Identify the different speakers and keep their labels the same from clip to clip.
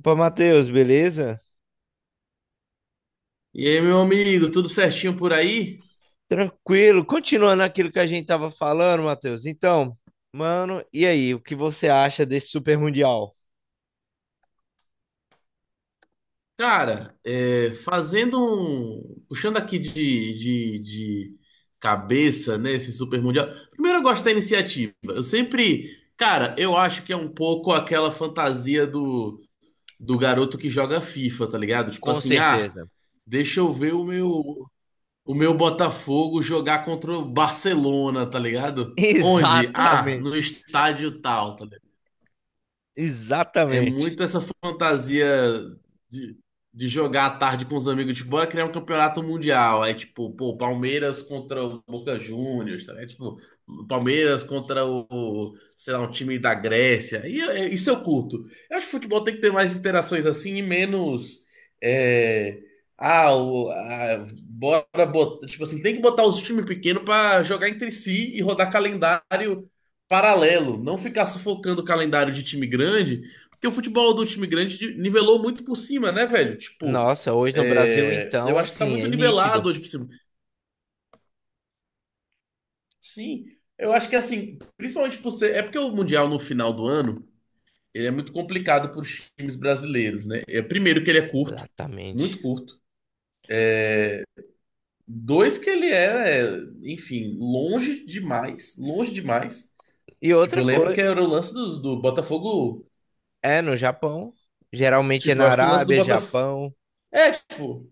Speaker 1: Opa, Matheus, beleza?
Speaker 2: E aí, meu amigo, tudo certinho por aí?
Speaker 1: Tranquilo. Continuando aquilo que a gente tava falando, Matheus. Então, mano, e aí, o que você acha desse Super Mundial?
Speaker 2: Cara, fazendo um. Puxando aqui de cabeça, né, esse Super Mundial. Primeiro, eu gosto da iniciativa. Eu sempre. Cara, eu acho que é um pouco aquela fantasia do garoto que joga FIFA, tá ligado? Tipo
Speaker 1: Com
Speaker 2: assim,
Speaker 1: certeza.
Speaker 2: deixa eu ver o meu Botafogo jogar contra o Barcelona, tá ligado? Onde? Ah, no
Speaker 1: Exatamente.
Speaker 2: estádio tal, tá. É
Speaker 1: Exatamente.
Speaker 2: muito essa fantasia de, de jogar à tarde com os amigos, tipo, bora criar um campeonato mundial. Aí, tipo, pô, Palmeiras contra o Boca Juniors, tá? Palmeiras contra sei lá, um time da Grécia. E isso eu curto. Eu acho que futebol tem que ter mais interações assim e menos. é, bora botar. Tipo assim, tem que botar os times pequenos pra jogar entre si e rodar calendário paralelo. Não ficar sufocando o calendário de time grande, porque o futebol do time grande nivelou muito por cima, né, velho? Tipo,
Speaker 1: Nossa, hoje no Brasil, então,
Speaker 2: eu acho que tá
Speaker 1: assim,
Speaker 2: muito
Speaker 1: é nítido.
Speaker 2: nivelado hoje por cima. Sim, eu acho que assim, principalmente por ser. É porque o Mundial no final do ano, ele é muito complicado pros times brasileiros, né? É, primeiro que ele é curto,
Speaker 1: Exatamente.
Speaker 2: muito curto. Dois que ele é, enfim, longe demais, longe demais.
Speaker 1: E
Speaker 2: Tipo,
Speaker 1: outra
Speaker 2: eu lembro
Speaker 1: coisa.
Speaker 2: que era o lance do Botafogo.
Speaker 1: É no Japão. Geralmente é
Speaker 2: Tipo,
Speaker 1: na
Speaker 2: eu acho que o lance do
Speaker 1: Arábia,
Speaker 2: Botafogo.
Speaker 1: Japão.
Speaker 2: É, tipo,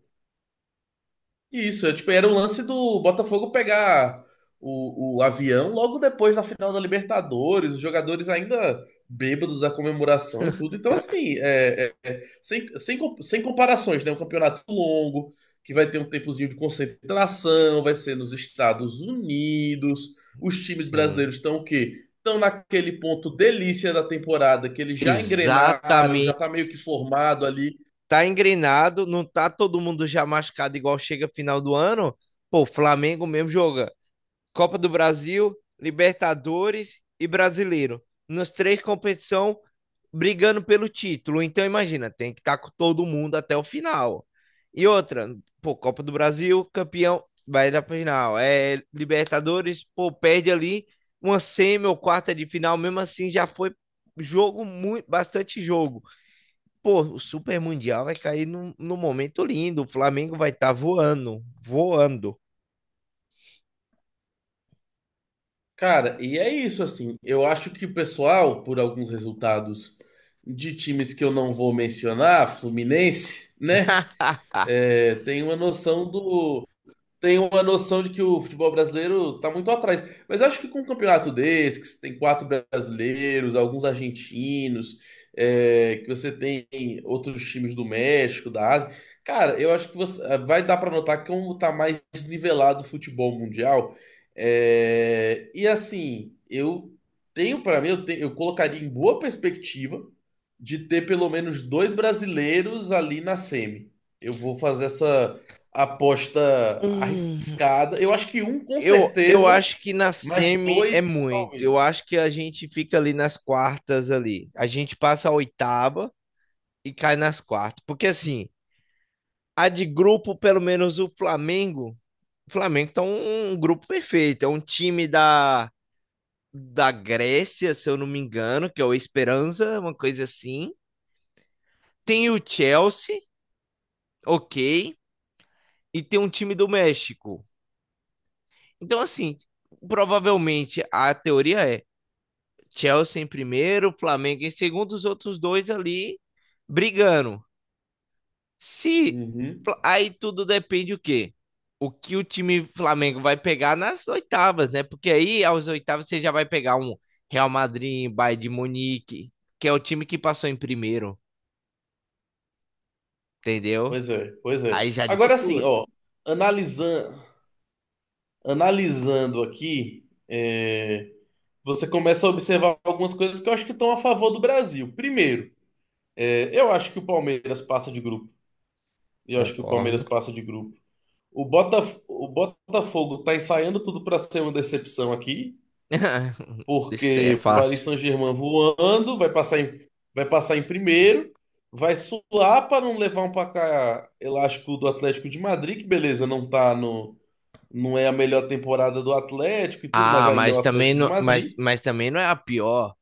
Speaker 2: Isso, era o lance do Botafogo pegar o avião logo depois da final da Libertadores, os jogadores ainda bêbados da comemoração e tudo. Então, assim, sem comparações, né? Um campeonato longo, que vai ter um tempozinho de concentração, vai ser nos Estados Unidos. Os times
Speaker 1: Sim.
Speaker 2: brasileiros estão o quê? Estão naquele ponto delícia da temporada, que eles já engrenaram, já tá
Speaker 1: Exatamente.
Speaker 2: meio que formado ali.
Speaker 1: Tá engrenado, não tá todo mundo já machucado igual chega final do ano. Pô, o Flamengo mesmo joga Copa do Brasil, Libertadores e Brasileiro. Nas três competições, brigando pelo título. Então, imagina, tem que estar com todo mundo até o final. E outra, pô, Copa do Brasil, campeão, vai dar pra final. É, Libertadores, pô, perde ali uma semi ou quarta de final, mesmo assim já foi jogo, muito, bastante jogo. Pô, o Super Mundial vai cair num momento lindo. O Flamengo vai estar tá voando, voando.
Speaker 2: Cara, e é isso, assim. Eu acho que o pessoal, por alguns resultados de times que eu não vou mencionar, Fluminense, né? é, tem uma noção do tem uma noção de que o futebol brasileiro tá muito atrás. Mas eu acho que com um campeonato desse, que você tem quatro brasileiros, alguns argentinos, que você tem outros times do México, da Ásia, cara, eu acho que você vai dar para notar que como tá mais nivelado o futebol mundial. É, e assim, eu tenho para mim, eu colocaria em boa perspectiva de ter pelo menos dois brasileiros ali na semi. Eu vou fazer essa aposta
Speaker 1: Hum.
Speaker 2: arriscada. Eu acho que um com
Speaker 1: Eu
Speaker 2: certeza,
Speaker 1: acho que na
Speaker 2: mas
Speaker 1: semi é
Speaker 2: dois
Speaker 1: muito. Eu
Speaker 2: talvez.
Speaker 1: acho que a gente fica ali nas quartas ali. A gente passa a oitava e cai nas quartas. Porque assim, a de grupo, pelo menos o Flamengo tá um grupo perfeito. É um time da Grécia, se eu não me engano, que é o Esperança, uma coisa assim. Tem o Chelsea, ok. E tem um time do México. Então, assim, provavelmente a teoria é Chelsea em primeiro, Flamengo em segundo, os outros dois ali brigando. Se
Speaker 2: Uhum.
Speaker 1: aí tudo depende o quê? O que o time Flamengo vai pegar nas oitavas, né? Porque aí aos oitavas você já vai pegar um Real Madrid, Bayern de Munique, que é o time que passou em primeiro, entendeu?
Speaker 2: Pois é, pois é.
Speaker 1: Aí já
Speaker 2: Agora assim,
Speaker 1: dificulta.
Speaker 2: ó, analisando, analisando aqui, você começa a observar algumas coisas que eu acho que estão a favor do Brasil. Primeiro, eu acho que o Palmeiras passa de grupo. Eu acho que o
Speaker 1: Concordo.
Speaker 2: Palmeiras passa de grupo. O Botafogo tá ensaiando tudo para ser uma decepção aqui.
Speaker 1: Isso daí
Speaker 2: Porque
Speaker 1: é
Speaker 2: o Paris
Speaker 1: fácil.
Speaker 2: Saint-Germain voando, vai passar em primeiro, vai suar para não levar um placar elástico do Atlético de Madrid, que beleza, não é a melhor temporada do Atlético e tudo, mas
Speaker 1: Ah,
Speaker 2: ainda é o Atlético de Madrid,
Speaker 1: mas também não é a pior.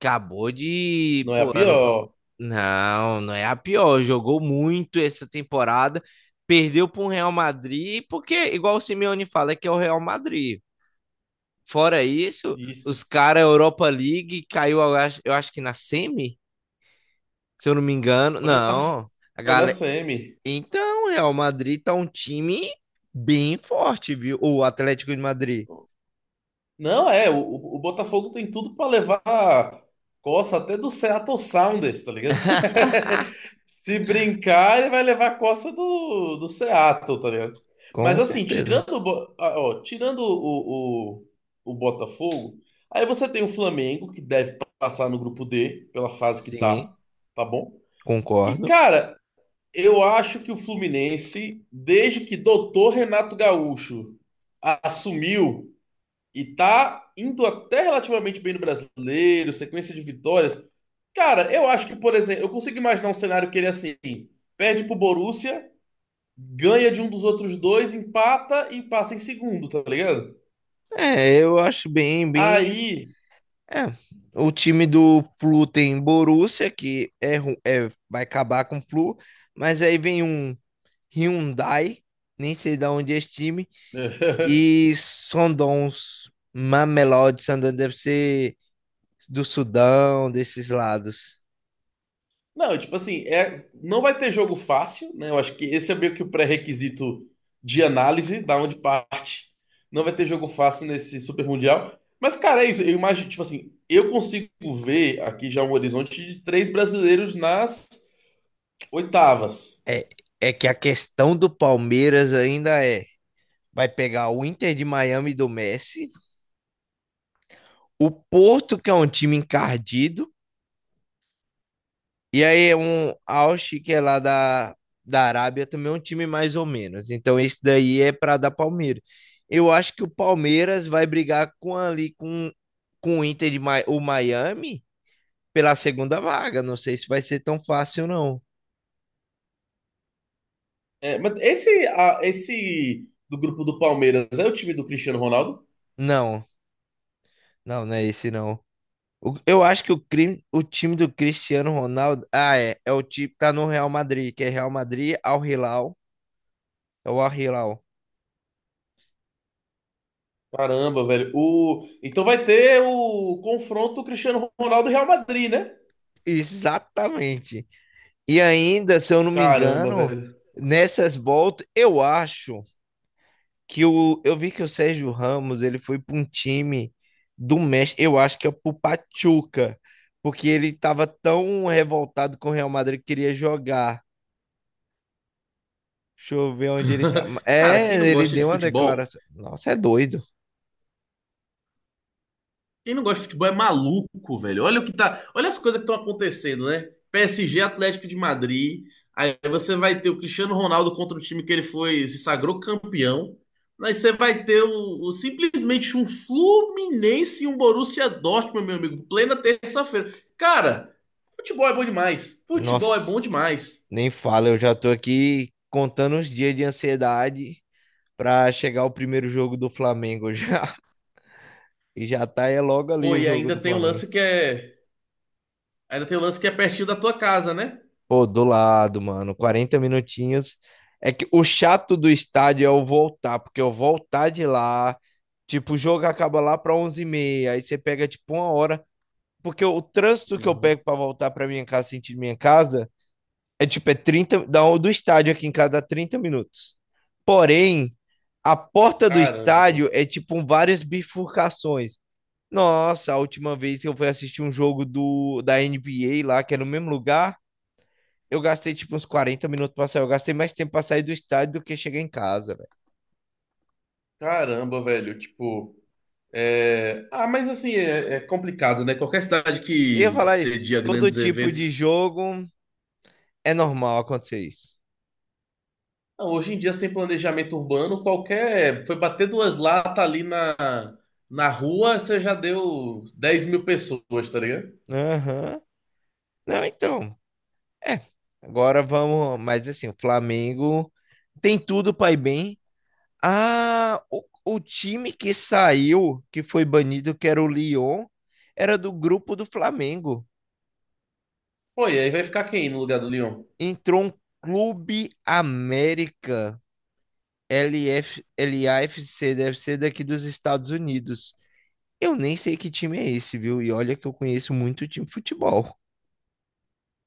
Speaker 1: Acabou de.
Speaker 2: não é a
Speaker 1: Pô, ano... pa-
Speaker 2: pior.
Speaker 1: Não, não é a pior. Jogou muito essa temporada. Perdeu para o Real Madrid, porque, igual o Simeone fala, é que é o Real Madrid. Fora isso,
Speaker 2: Isso.
Speaker 1: os caras, Europa League, caiu, eu acho que na semi, se eu não me engano.
Speaker 2: Foi na,
Speaker 1: Não, a
Speaker 2: foi na
Speaker 1: galera.
Speaker 2: semi.
Speaker 1: Então, o Real Madrid tá um time bem forte, viu? O Atlético de Madrid.
Speaker 2: Não, o Botafogo tem tudo pra levar coça até do Seattle Sounders, tá ligado? Se brincar, ele vai levar coça do Seattle, tá ligado?
Speaker 1: Com
Speaker 2: Mas assim,
Speaker 1: certeza.
Speaker 2: tirando o, Bo- ah, ó, tirando o Botafogo, aí você tem o Flamengo, que deve passar no grupo D, pela fase que
Speaker 1: Sim,
Speaker 2: tá, tá bom? E
Speaker 1: concordo.
Speaker 2: cara, eu acho que o Fluminense, desde que doutor Renato Gaúcho assumiu e tá indo até relativamente bem no brasileiro, sequência de vitórias. Cara, eu acho que, por exemplo, eu consigo imaginar um cenário que ele assim, perde pro Borussia, ganha de um dos outros dois, empata e passa em segundo, tá ligado?
Speaker 1: É, eu acho bem, bem
Speaker 2: Aí.
Speaker 1: é, o time do Flu tem Borussia, que é, ru- é- vai acabar com o Flu, mas aí vem um Hyundai, nem sei de onde é esse time, e Sundowns Mamelodi, Sundowns deve ser do Sudão, desses lados.
Speaker 2: Não, tipo assim, não vai ter jogo fácil, né? Eu acho que esse é meio que o pré-requisito de análise, da onde parte. Não vai ter jogo fácil nesse Super Mundial. Mas, cara, é isso. Eu imagino, tipo assim, eu consigo ver aqui já um horizonte de três brasileiros nas oitavas.
Speaker 1: É, é que a questão do Palmeiras ainda é, vai pegar o Inter de Miami do Messi, o Porto, que é um time encardido. E aí, um Al que é lá da, da Arábia, também é um time mais ou menos. Então, esse daí é para dar Palmeiras. Eu acho que o Palmeiras vai brigar com ali com o Inter de Mi- o Miami pela segunda vaga. Não sei se vai ser tão fácil, não.
Speaker 2: É, mas esse, esse do grupo do Palmeiras é o time do Cristiano Ronaldo?
Speaker 1: Não, não, não é esse, não. O- eu acho que o, crime, o time do Cristiano Ronaldo. Ah, é. É o time que tá no Real Madrid, que é Real Madrid, Al Hilal. É o Al Hilal.
Speaker 2: Caramba, velho. Então vai ter o confronto Cristiano Ronaldo e Real Madrid, né?
Speaker 1: Exatamente. E ainda, se eu não me
Speaker 2: Caramba,
Speaker 1: engano,
Speaker 2: velho.
Speaker 1: nessas voltas, eu acho que o, eu vi que o Sérgio Ramos ele foi para um time do México, eu acho que é pro Pachuca, porque ele estava tão revoltado com o Real Madrid que queria jogar. Deixa eu ver onde ele tá.
Speaker 2: Cara, quem
Speaker 1: É,
Speaker 2: não
Speaker 1: ele
Speaker 2: gosta de
Speaker 1: deu uma
Speaker 2: futebol,
Speaker 1: declaração. Nossa, é doido.
Speaker 2: quem não gosta de futebol é maluco, velho. Olha o que tá, olha as coisas que estão acontecendo, né? PSG, Atlético de Madrid. Aí você vai ter o Cristiano Ronaldo contra o time que ele foi, se sagrou campeão. Aí você vai ter simplesmente um Fluminense e um Borussia Dortmund, meu amigo, plena terça-feira. Cara, futebol é bom demais. Futebol é
Speaker 1: Nossa,
Speaker 2: bom demais.
Speaker 1: nem fala, eu já tô aqui contando os dias de ansiedade para chegar o primeiro jogo do Flamengo já. E já tá é logo ali
Speaker 2: Pô,
Speaker 1: o
Speaker 2: e
Speaker 1: jogo do Flamengo.
Speaker 2: ainda tem o lance que é pertinho da tua casa, né?
Speaker 1: Pô, do lado, mano, 40 minutinhos. É que o chato do estádio é o voltar, porque eu voltar de lá, tipo, o jogo acaba lá para onze e meia aí você pega tipo uma hora, porque o trânsito que eu
Speaker 2: Uhum.
Speaker 1: pego para voltar para minha casa, sentido minha casa, é tipo, é 30, da, do estádio aqui em casa dá 30 minutos. Porém, a porta do
Speaker 2: Caramba.
Speaker 1: estádio é tipo um, várias bifurcações. Nossa, a última vez que eu fui assistir um jogo da NBA lá, que é no mesmo lugar, eu gastei tipo uns 40 minutos pra sair. Eu gastei mais tempo pra sair do estádio do que chegar em casa, velho.
Speaker 2: Caramba, velho, tipo. Mas assim, é complicado, né? Qualquer cidade
Speaker 1: Eu ia
Speaker 2: que
Speaker 1: falar isso.
Speaker 2: cedia
Speaker 1: Todo
Speaker 2: grandes
Speaker 1: tipo de
Speaker 2: eventos.
Speaker 1: jogo é normal acontecer isso.
Speaker 2: Não, hoje em dia, sem planejamento urbano, qualquer. Foi bater duas latas ali na rua, você já deu 10 mil pessoas, tá ligado?
Speaker 1: Aham. Não, então. É. Agora vamos. Mas assim, o Flamengo tem tudo pra ir bem. Ah, o time que saiu, que foi banido, que era o Lyon, era do grupo do Flamengo.
Speaker 2: Pô, e aí vai ficar quem no lugar do Lyon?
Speaker 1: Entrou um Clube América. LF, LAFC deve ser daqui dos Estados Unidos. Eu nem sei que time é esse, viu? E olha que eu conheço muito time de futebol.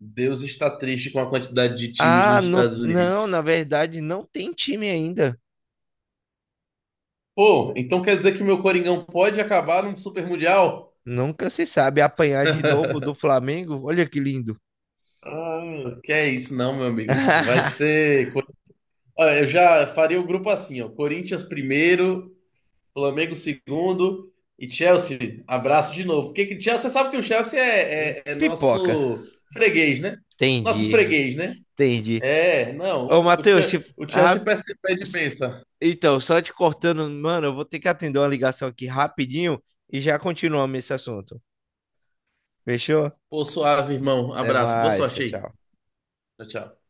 Speaker 2: Deus está triste com a quantidade de times
Speaker 1: Ah,
Speaker 2: nos
Speaker 1: não,
Speaker 2: Estados
Speaker 1: não,
Speaker 2: Unidos.
Speaker 1: na verdade não tem time ainda.
Speaker 2: Pô, então quer dizer que meu Coringão pode acabar num Super Mundial?
Speaker 1: Nunca se sabe apanhar de novo do Flamengo. Olha que lindo.
Speaker 2: Ah, que é isso, não, meu amigo. Vai ser. Olha, eu já faria o grupo assim, ó. Corinthians primeiro, Flamengo segundo e Chelsea. Abraço de novo. Porque Chelsea, você sabe que o Chelsea é
Speaker 1: Pipoca.
Speaker 2: nosso freguês, né? Nosso
Speaker 1: Entendi,
Speaker 2: freguês, né?
Speaker 1: entendi.
Speaker 2: É, não.
Speaker 1: Ô,
Speaker 2: O, o
Speaker 1: Matheus, se-
Speaker 2: Che- o Chelsea
Speaker 1: rap-
Speaker 2: pede bênção.
Speaker 1: então, só te cortando, mano, eu vou ter que atender uma ligação aqui rapidinho e já continuamos esse assunto. Fechou?
Speaker 2: Pô, suave, irmão.
Speaker 1: Até
Speaker 2: Abraço. Boa
Speaker 1: mais, tchau,
Speaker 2: sorte aí.
Speaker 1: tchau.
Speaker 2: Tchau, tchau.